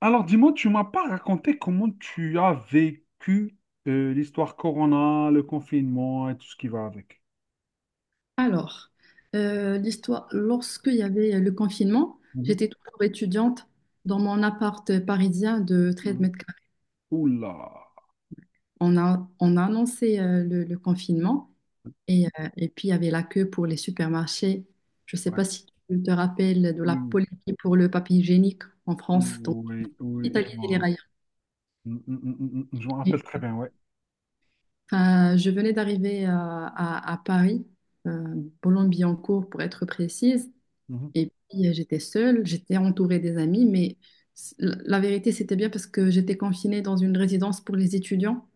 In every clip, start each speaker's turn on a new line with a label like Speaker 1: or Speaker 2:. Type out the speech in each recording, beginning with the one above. Speaker 1: Alors, dis-moi, tu m'as pas raconté comment tu as vécu l'histoire Corona, le confinement et tout ce qui va avec.
Speaker 2: Alors, l'histoire, lorsqu'il y avait le confinement,
Speaker 1: Mhm,
Speaker 2: j'étais toujours étudiante dans mon appart parisien de 13
Speaker 1: mhm.
Speaker 2: mètres carrés.
Speaker 1: Oula.
Speaker 2: On a annoncé le confinement et puis il y avait la queue pour les supermarchés. Je ne sais
Speaker 1: Ouais.
Speaker 2: pas si tu te rappelles de la
Speaker 1: Oui,
Speaker 2: politique pour le papier hygiénique en France, donc
Speaker 1: oui, oui, je
Speaker 2: Italie et les
Speaker 1: m'en
Speaker 2: railleurs.
Speaker 1: mm, mm, mm, mm, mm, mm, je m'en rappelle très bien, ouais.
Speaker 2: Enfin, je venais d'arriver à, à Paris, euh, Boulogne-Billancourt pour être précise.
Speaker 1: Mhm.
Speaker 2: Et puis, j'étais seule, j'étais entourée des amis, mais la vérité, c'était bien parce que j'étais confinée dans une résidence pour les étudiants.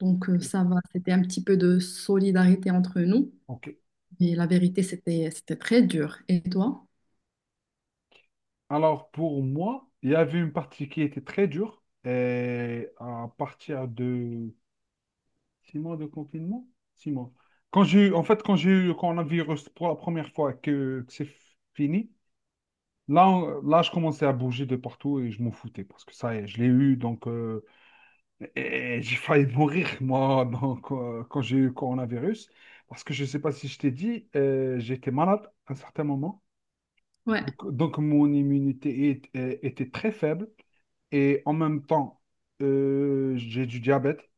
Speaker 2: Donc,
Speaker 1: Ok.
Speaker 2: ça va, c'était un petit peu de solidarité entre nous.
Speaker 1: Ok.
Speaker 2: Mais la vérité, c'était très dur. Et toi?
Speaker 1: Alors, pour moi, il y avait une partie qui était très dure et à partir de 6 mois de confinement, 6 mois. Quand j'ai eu, en fait, quand j'ai eu le coronavirus pour la première fois que c'est fini. Là, je commençais à bouger de partout et je m'en foutais parce que ça y est, je l'ai eu, donc, et j'ai failli mourir, moi, donc, quand j'ai eu le coronavirus. Parce que je ne sais pas si je t'ai dit, j'étais malade à un certain moment.
Speaker 2: Ouais.
Speaker 1: Donc, mon immunité était très faible et en même temps, j'ai du diabète.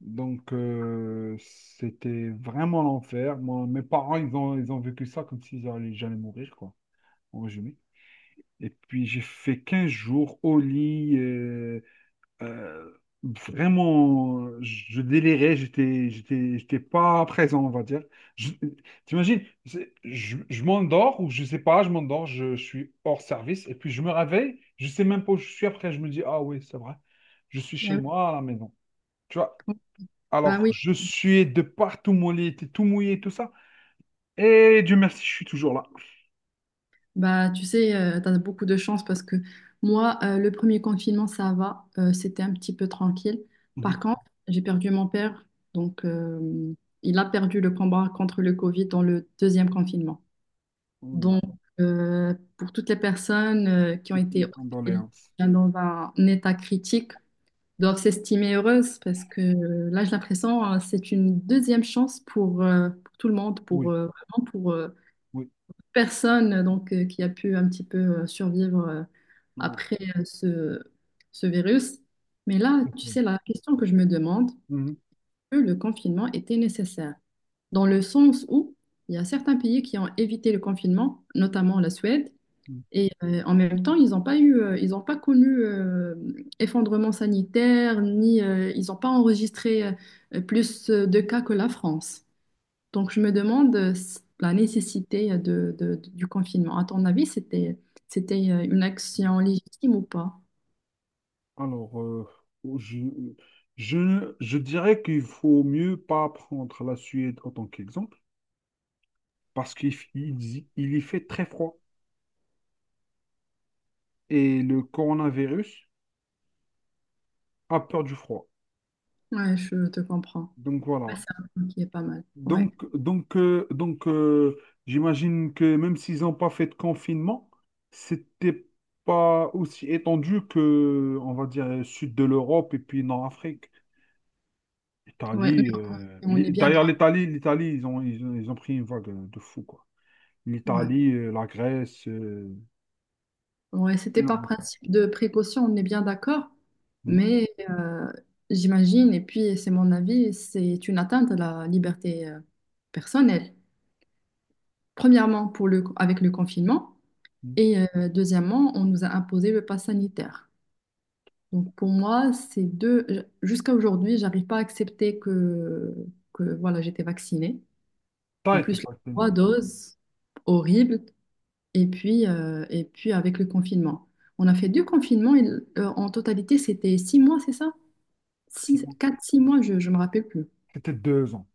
Speaker 1: Donc, c'était vraiment l'enfer. Moi, mes parents, ils ont vécu ça comme s'ils allaient jamais mourir, quoi, en résumé. Et puis j'ai fait 15 jours au lit. Euh, vraiment, je délirais, j'étais pas présent, on va dire. Je- T'imagines, je m'endors ou je sais pas, je m'endors, je suis hors service. Et puis je me réveille, je sais même pas où je suis. Après, je me dis, ah oui, c'est vrai, je suis chez
Speaker 2: Bah
Speaker 1: moi à la maison. Tu vois,
Speaker 2: oui, bah
Speaker 1: alors
Speaker 2: oui.
Speaker 1: je suis de partout, mon lit était tout mouillé, tout ça. Et Dieu merci, je suis toujours là.
Speaker 2: Bah, tu sais, t'as beaucoup de chance parce que moi, le premier confinement, ça va, c'était un petit peu tranquille. Par
Speaker 1: Mhm.
Speaker 2: contre, j'ai perdu mon père, donc il a perdu le combat contre le Covid dans le deuxième confinement.
Speaker 1: Voilà.
Speaker 2: Donc, pour toutes les personnes qui ont
Speaker 1: Toutes
Speaker 2: été
Speaker 1: mes
Speaker 2: hospitalisées
Speaker 1: condoléances.
Speaker 2: dans un état critique, doivent s'estimer heureuses parce que là, j'ai l'impression, c'est une deuxième chance pour tout le monde, pour
Speaker 1: Oui,
Speaker 2: vraiment pour
Speaker 1: oui,
Speaker 2: personne donc qui a pu un petit peu survivre
Speaker 1: oui.
Speaker 2: après ce, virus. Mais là, tu
Speaker 1: Mhm.
Speaker 2: sais, la question que je me demande, que le confinement était nécessaire, dans le sens où il y a certains pays qui ont évité le confinement, notamment la Suède.
Speaker 1: Mhm.
Speaker 2: Et en même temps, ils n'ont pas ils n'ont pas connu effondrement sanitaire, ni ils n'ont pas enregistré plus de cas que la France. Donc, je me demande la nécessité du confinement. À ton avis, c'était une action légitime ou pas?
Speaker 1: Alors, je, je dirais qu'il faut mieux pas prendre la Suède en tant qu'exemple, parce qu'il f- il y fait très froid et le coronavirus a peur du froid.
Speaker 2: Ouais, je te comprends.
Speaker 1: Donc
Speaker 2: Ouais,
Speaker 1: voilà.
Speaker 2: c'est un point qui est pas mal. Ouais,
Speaker 1: Donc, j'imagine que même s'ils n'ont pas fait de confinement, c'était pas aussi étendu que, on va dire, sud de l'Europe et puis Nord-Afrique.
Speaker 2: ouais, mais
Speaker 1: L'Italie,
Speaker 2: on est bien
Speaker 1: d'ailleurs,
Speaker 2: d'accord.
Speaker 1: l'Italie, l'Italie, ils ont pris une vague de fou, quoi.
Speaker 2: Ouais.
Speaker 1: L'Italie, la Grèce,
Speaker 2: Ouais, c'était par
Speaker 1: énorme.
Speaker 2: principe de précaution, on est bien d'accord,
Speaker 1: Mhm.
Speaker 2: mais j'imagine, et puis c'est mon avis, c'est une atteinte à la liberté personnelle. Premièrement, avec le confinement, et deuxièmement, on nous a imposé le pass sanitaire. Donc pour moi, ces deux, jusqu'à aujourd'hui, j'arrive pas à accepter que voilà, j'étais vaccinée. En
Speaker 1: T'as été
Speaker 2: plus, les
Speaker 1: fasciné.
Speaker 2: 3 doses, horrible. Et puis avec le confinement. On a fait 2 confinements en totalité, c'était 6 mois, c'est ça? 6, 4, 6 mois, je ne me rappelle plus.
Speaker 1: C'était 2 ans.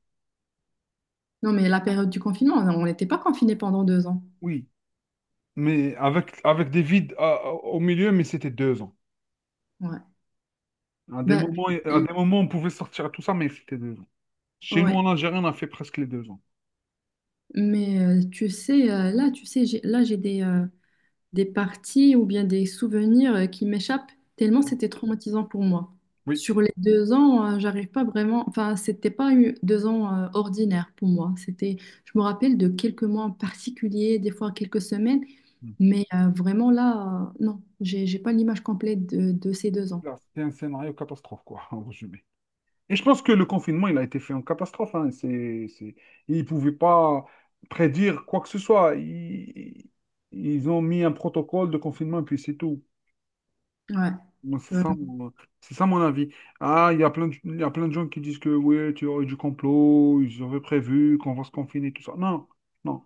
Speaker 2: Non, mais la période du confinement, on n'était pas confinés pendant 2 ans.
Speaker 1: Oui, mais avec des vides au milieu, mais c'était 2 ans.
Speaker 2: Ouais. Bah, tu
Speaker 1: À
Speaker 2: sais,
Speaker 1: des moments, on pouvait sortir à tout ça, mais c'était 2 ans. Chez nous,
Speaker 2: ouais.
Speaker 1: en Algérie, on a fait presque les 2 ans.
Speaker 2: Mais tu sais, là, tu sais, là, j'ai des parties ou bien des souvenirs qui m'échappent tellement c'était traumatisant pour moi.
Speaker 1: Oui.
Speaker 2: Sur les 2 ans, j'arrive pas vraiment. Enfin, c'était pas 2 ans ordinaires pour moi. C'était, je me rappelle de quelques mois en particulier, des fois quelques semaines, mais vraiment là, non, j'ai pas l'image complète de ces 2 ans.
Speaker 1: Là, c'était un scénario catastrophe, quoi, en résumé. Et je pense que le confinement, il a été fait en catastrophe. Hein. C'est. Ils ne pouvaient pas prédire quoi que ce soit. Ils ont mis un protocole de confinement et puis c'est tout.
Speaker 2: Ouais.
Speaker 1: Moi, c'est ça mon avis. Ah, il y a plein de, gens qui disent que oui, tu aurais du complot, ils auraient prévu qu'on va se confiner, tout ça. Non, non.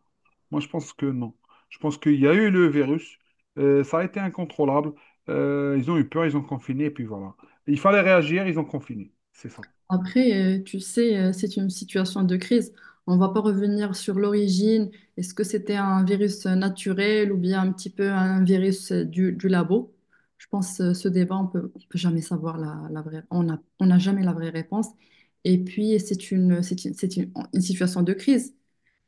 Speaker 1: Moi, je pense que non. Je pense qu'il y a eu le virus, ça a été incontrôlable, ils ont eu peur, ils ont confiné, et puis voilà. Il fallait réagir, ils ont confiné. C'est ça.
Speaker 2: Après, tu sais, c'est une situation de crise. On va pas revenir sur l'origine. Est-ce que c'était un virus naturel ou bien un petit peu un virus du labo? Je pense ce débat, on peut jamais savoir la vraie. On n'a jamais la vraie réponse. Et puis, c'est une situation de crise.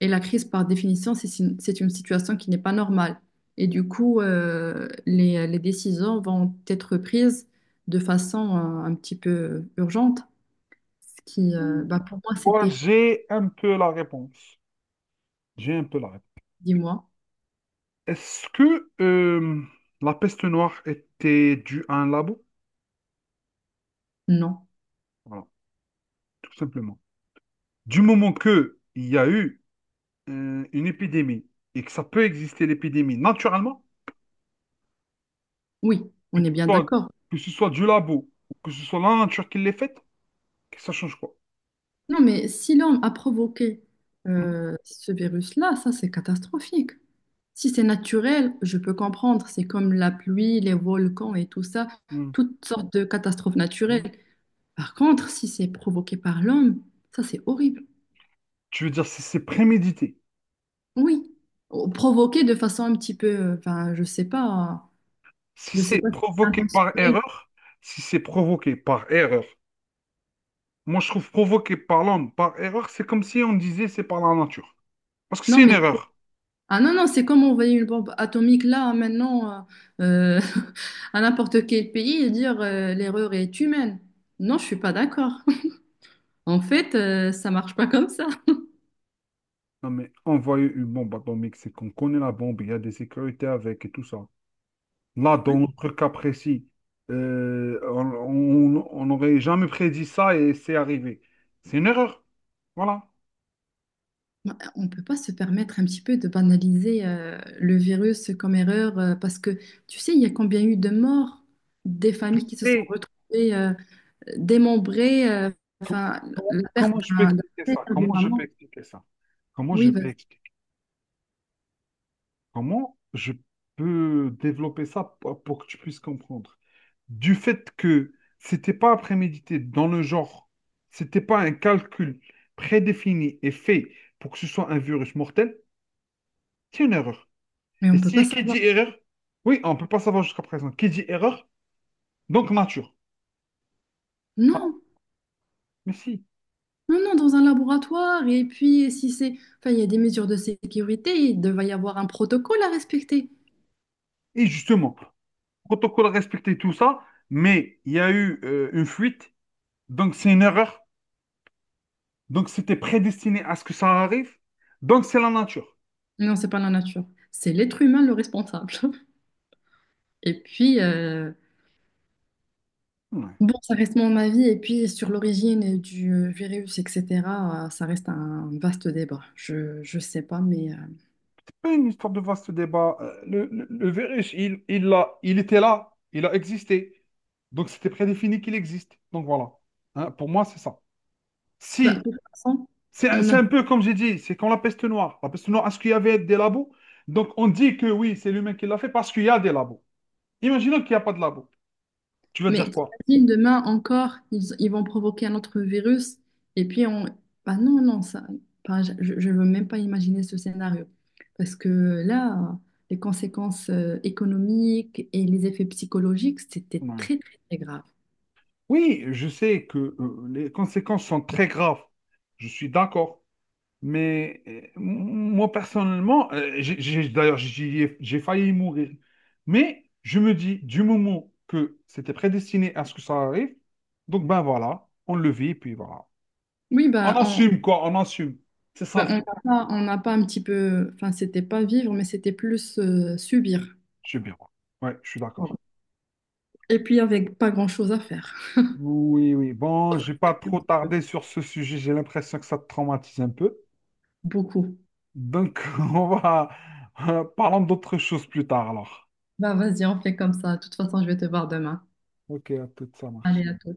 Speaker 2: Et la crise, par définition, c'est une situation qui n'est pas normale. Et du coup, les décisions vont être prises de façon un petit peu urgente. Ce qui, bah, pour moi,
Speaker 1: Moi,
Speaker 2: c'était,
Speaker 1: j'ai un peu la réponse. J'ai un peu la réponse.
Speaker 2: dis-moi,
Speaker 1: Est-ce que la peste noire était due à un labo?
Speaker 2: non.
Speaker 1: Voilà, tout simplement. Du moment que il y a eu une épidémie et que ça peut exister l'épidémie naturellement,
Speaker 2: Oui,
Speaker 1: que
Speaker 2: on est
Speaker 1: ce
Speaker 2: bien
Speaker 1: soit,
Speaker 2: d'accord.
Speaker 1: que ce soit du labo ou que ce soit la nature qui l'ait faite, que ça change quoi?
Speaker 2: Non, mais si l'homme a provoqué ce virus-là, ça, c'est catastrophique. Si c'est naturel, je peux comprendre. C'est comme la pluie, les volcans et tout ça,
Speaker 1: Mhm.
Speaker 2: toutes sortes de catastrophes naturelles. Par contre, si c'est provoqué par l'homme, ça, c'est horrible.
Speaker 1: Tu veux dire si c'est prémédité,
Speaker 2: Oui, ou provoqué de façon un petit peu, enfin, je sais pas,
Speaker 1: si
Speaker 2: je sais
Speaker 1: c'est
Speaker 2: pas si c'est
Speaker 1: provoqué par
Speaker 2: intentionnel.
Speaker 1: erreur, si c'est provoqué par erreur. Moi, je trouve provoqué par l'homme par erreur, c'est comme si on disait c'est par la nature. Parce que
Speaker 2: Non,
Speaker 1: c'est une
Speaker 2: mais
Speaker 1: erreur.
Speaker 2: ah non, non, c'est comme envoyer une bombe atomique là, hein, maintenant, euh, à n'importe quel pays et dire l'erreur est humaine. Non, je suis pas d'accord. En fait, ça marche pas comme ça.
Speaker 1: Non, mais envoyer une bombe atomique, c'est qu'on connaît la bombe, il y a des sécurités avec et tout ça. Là,
Speaker 2: Ouais.
Speaker 1: dans notre cas précis, euh, on on n'aurait jamais prédit ça et c'est arrivé. C'est une erreur. Voilà.
Speaker 2: On peut pas se permettre un petit peu de banaliser le virus comme erreur parce que tu sais, il y a combien eu de morts, des
Speaker 1: Je
Speaker 2: familles qui se sont
Speaker 1: sais
Speaker 2: retrouvées démembrées,
Speaker 1: com-
Speaker 2: enfin,
Speaker 1: comment,
Speaker 2: la perte
Speaker 1: comment je peux
Speaker 2: d'un
Speaker 1: expliquer ça.
Speaker 2: père, d'une
Speaker 1: Comment je peux
Speaker 2: maman.
Speaker 1: expliquer ça. Comment je
Speaker 2: Oui,
Speaker 1: peux
Speaker 2: vas-y.
Speaker 1: expliquer. Comment je peux développer ça pour que tu puisses comprendre. Du fait que c'était pas prémédité dans le genre, c'était pas un calcul prédéfini et fait pour que ce soit un virus mortel, c'est une erreur.
Speaker 2: Mais
Speaker 1: Et
Speaker 2: on peut pas
Speaker 1: si qui dit
Speaker 2: savoir.
Speaker 1: erreur, oui, on ne peut pas savoir jusqu'à présent. Qui dit erreur, donc nature. Voilà.
Speaker 2: Non.
Speaker 1: Mais si.
Speaker 2: Non, non, dans un laboratoire. Et puis, si c'est... Enfin, il y a des mesures de sécurité, il devait y avoir un protocole à respecter.
Speaker 1: Et justement, protocole respecté, tout ça, mais il y a eu une fuite, donc c'est une erreur, donc c'était prédestiné à ce que ça arrive, donc c'est la nature.
Speaker 2: Non, c'est pas la nature. C'est l'être humain le responsable. Et puis,
Speaker 1: Ouais.
Speaker 2: bon, ça reste mon avis. Et puis, sur l'origine du virus, etc., ça reste un vaste débat. Je sais pas, mais...
Speaker 1: C'est pas une histoire de vaste débat. Le virus, il était là, il a existé. Donc c'était prédéfini qu'il existe. Donc voilà. Hein, pour moi, c'est ça.
Speaker 2: bah,
Speaker 1: Si,
Speaker 2: de toute façon,
Speaker 1: c'est un
Speaker 2: on
Speaker 1: c'est
Speaker 2: a...
Speaker 1: un peu comme j'ai dit, c'est quand la peste noire. La peste noire, est-ce qu'il y avait des labos? Donc on dit que oui, c'est l'humain qui l'a fait parce qu'il y a des labos. Imaginons qu'il n'y a pas de labos. Tu vas
Speaker 2: Mais
Speaker 1: dire quoi?
Speaker 2: t'imagines, demain encore, ils vont provoquer un autre virus et puis on... Bah non, non, ça, bah, je ne veux même pas imaginer ce scénario. Parce que là, les conséquences économiques et les effets psychologiques, c'était
Speaker 1: Ouais.
Speaker 2: très, très, très grave.
Speaker 1: Oui, je sais que les conséquences sont très graves. Je suis d'accord. Mais moi, personnellement, d'ailleurs, j'ai failli y mourir. Mais je me dis, du moment que c'était prédestiné à ce que ça arrive, donc ben voilà, on le vit, et puis voilà.
Speaker 2: Oui,
Speaker 1: On
Speaker 2: bah on
Speaker 1: assume, quoi, on assume. C'est ça
Speaker 2: bah,
Speaker 1: le truc.
Speaker 2: on n'a pas un petit peu... Enfin, c'était pas vivre, mais c'était plus subir.
Speaker 1: Je suis bien. Ouais, je suis
Speaker 2: Voilà.
Speaker 1: d'accord.
Speaker 2: Et puis avec pas grand-chose à faire.
Speaker 1: Oui, oui. Bon, j'ai pas trop tardé sur ce sujet. J'ai l'impression que ça te traumatise un peu.
Speaker 2: Beaucoup.
Speaker 1: Donc, on va... Parlons d'autres choses plus tard, alors.
Speaker 2: Bah vas-y, on fait comme ça. De toute façon, je vais te voir demain.
Speaker 1: Ok, à tout, ça
Speaker 2: Allez,
Speaker 1: marche.
Speaker 2: à toi.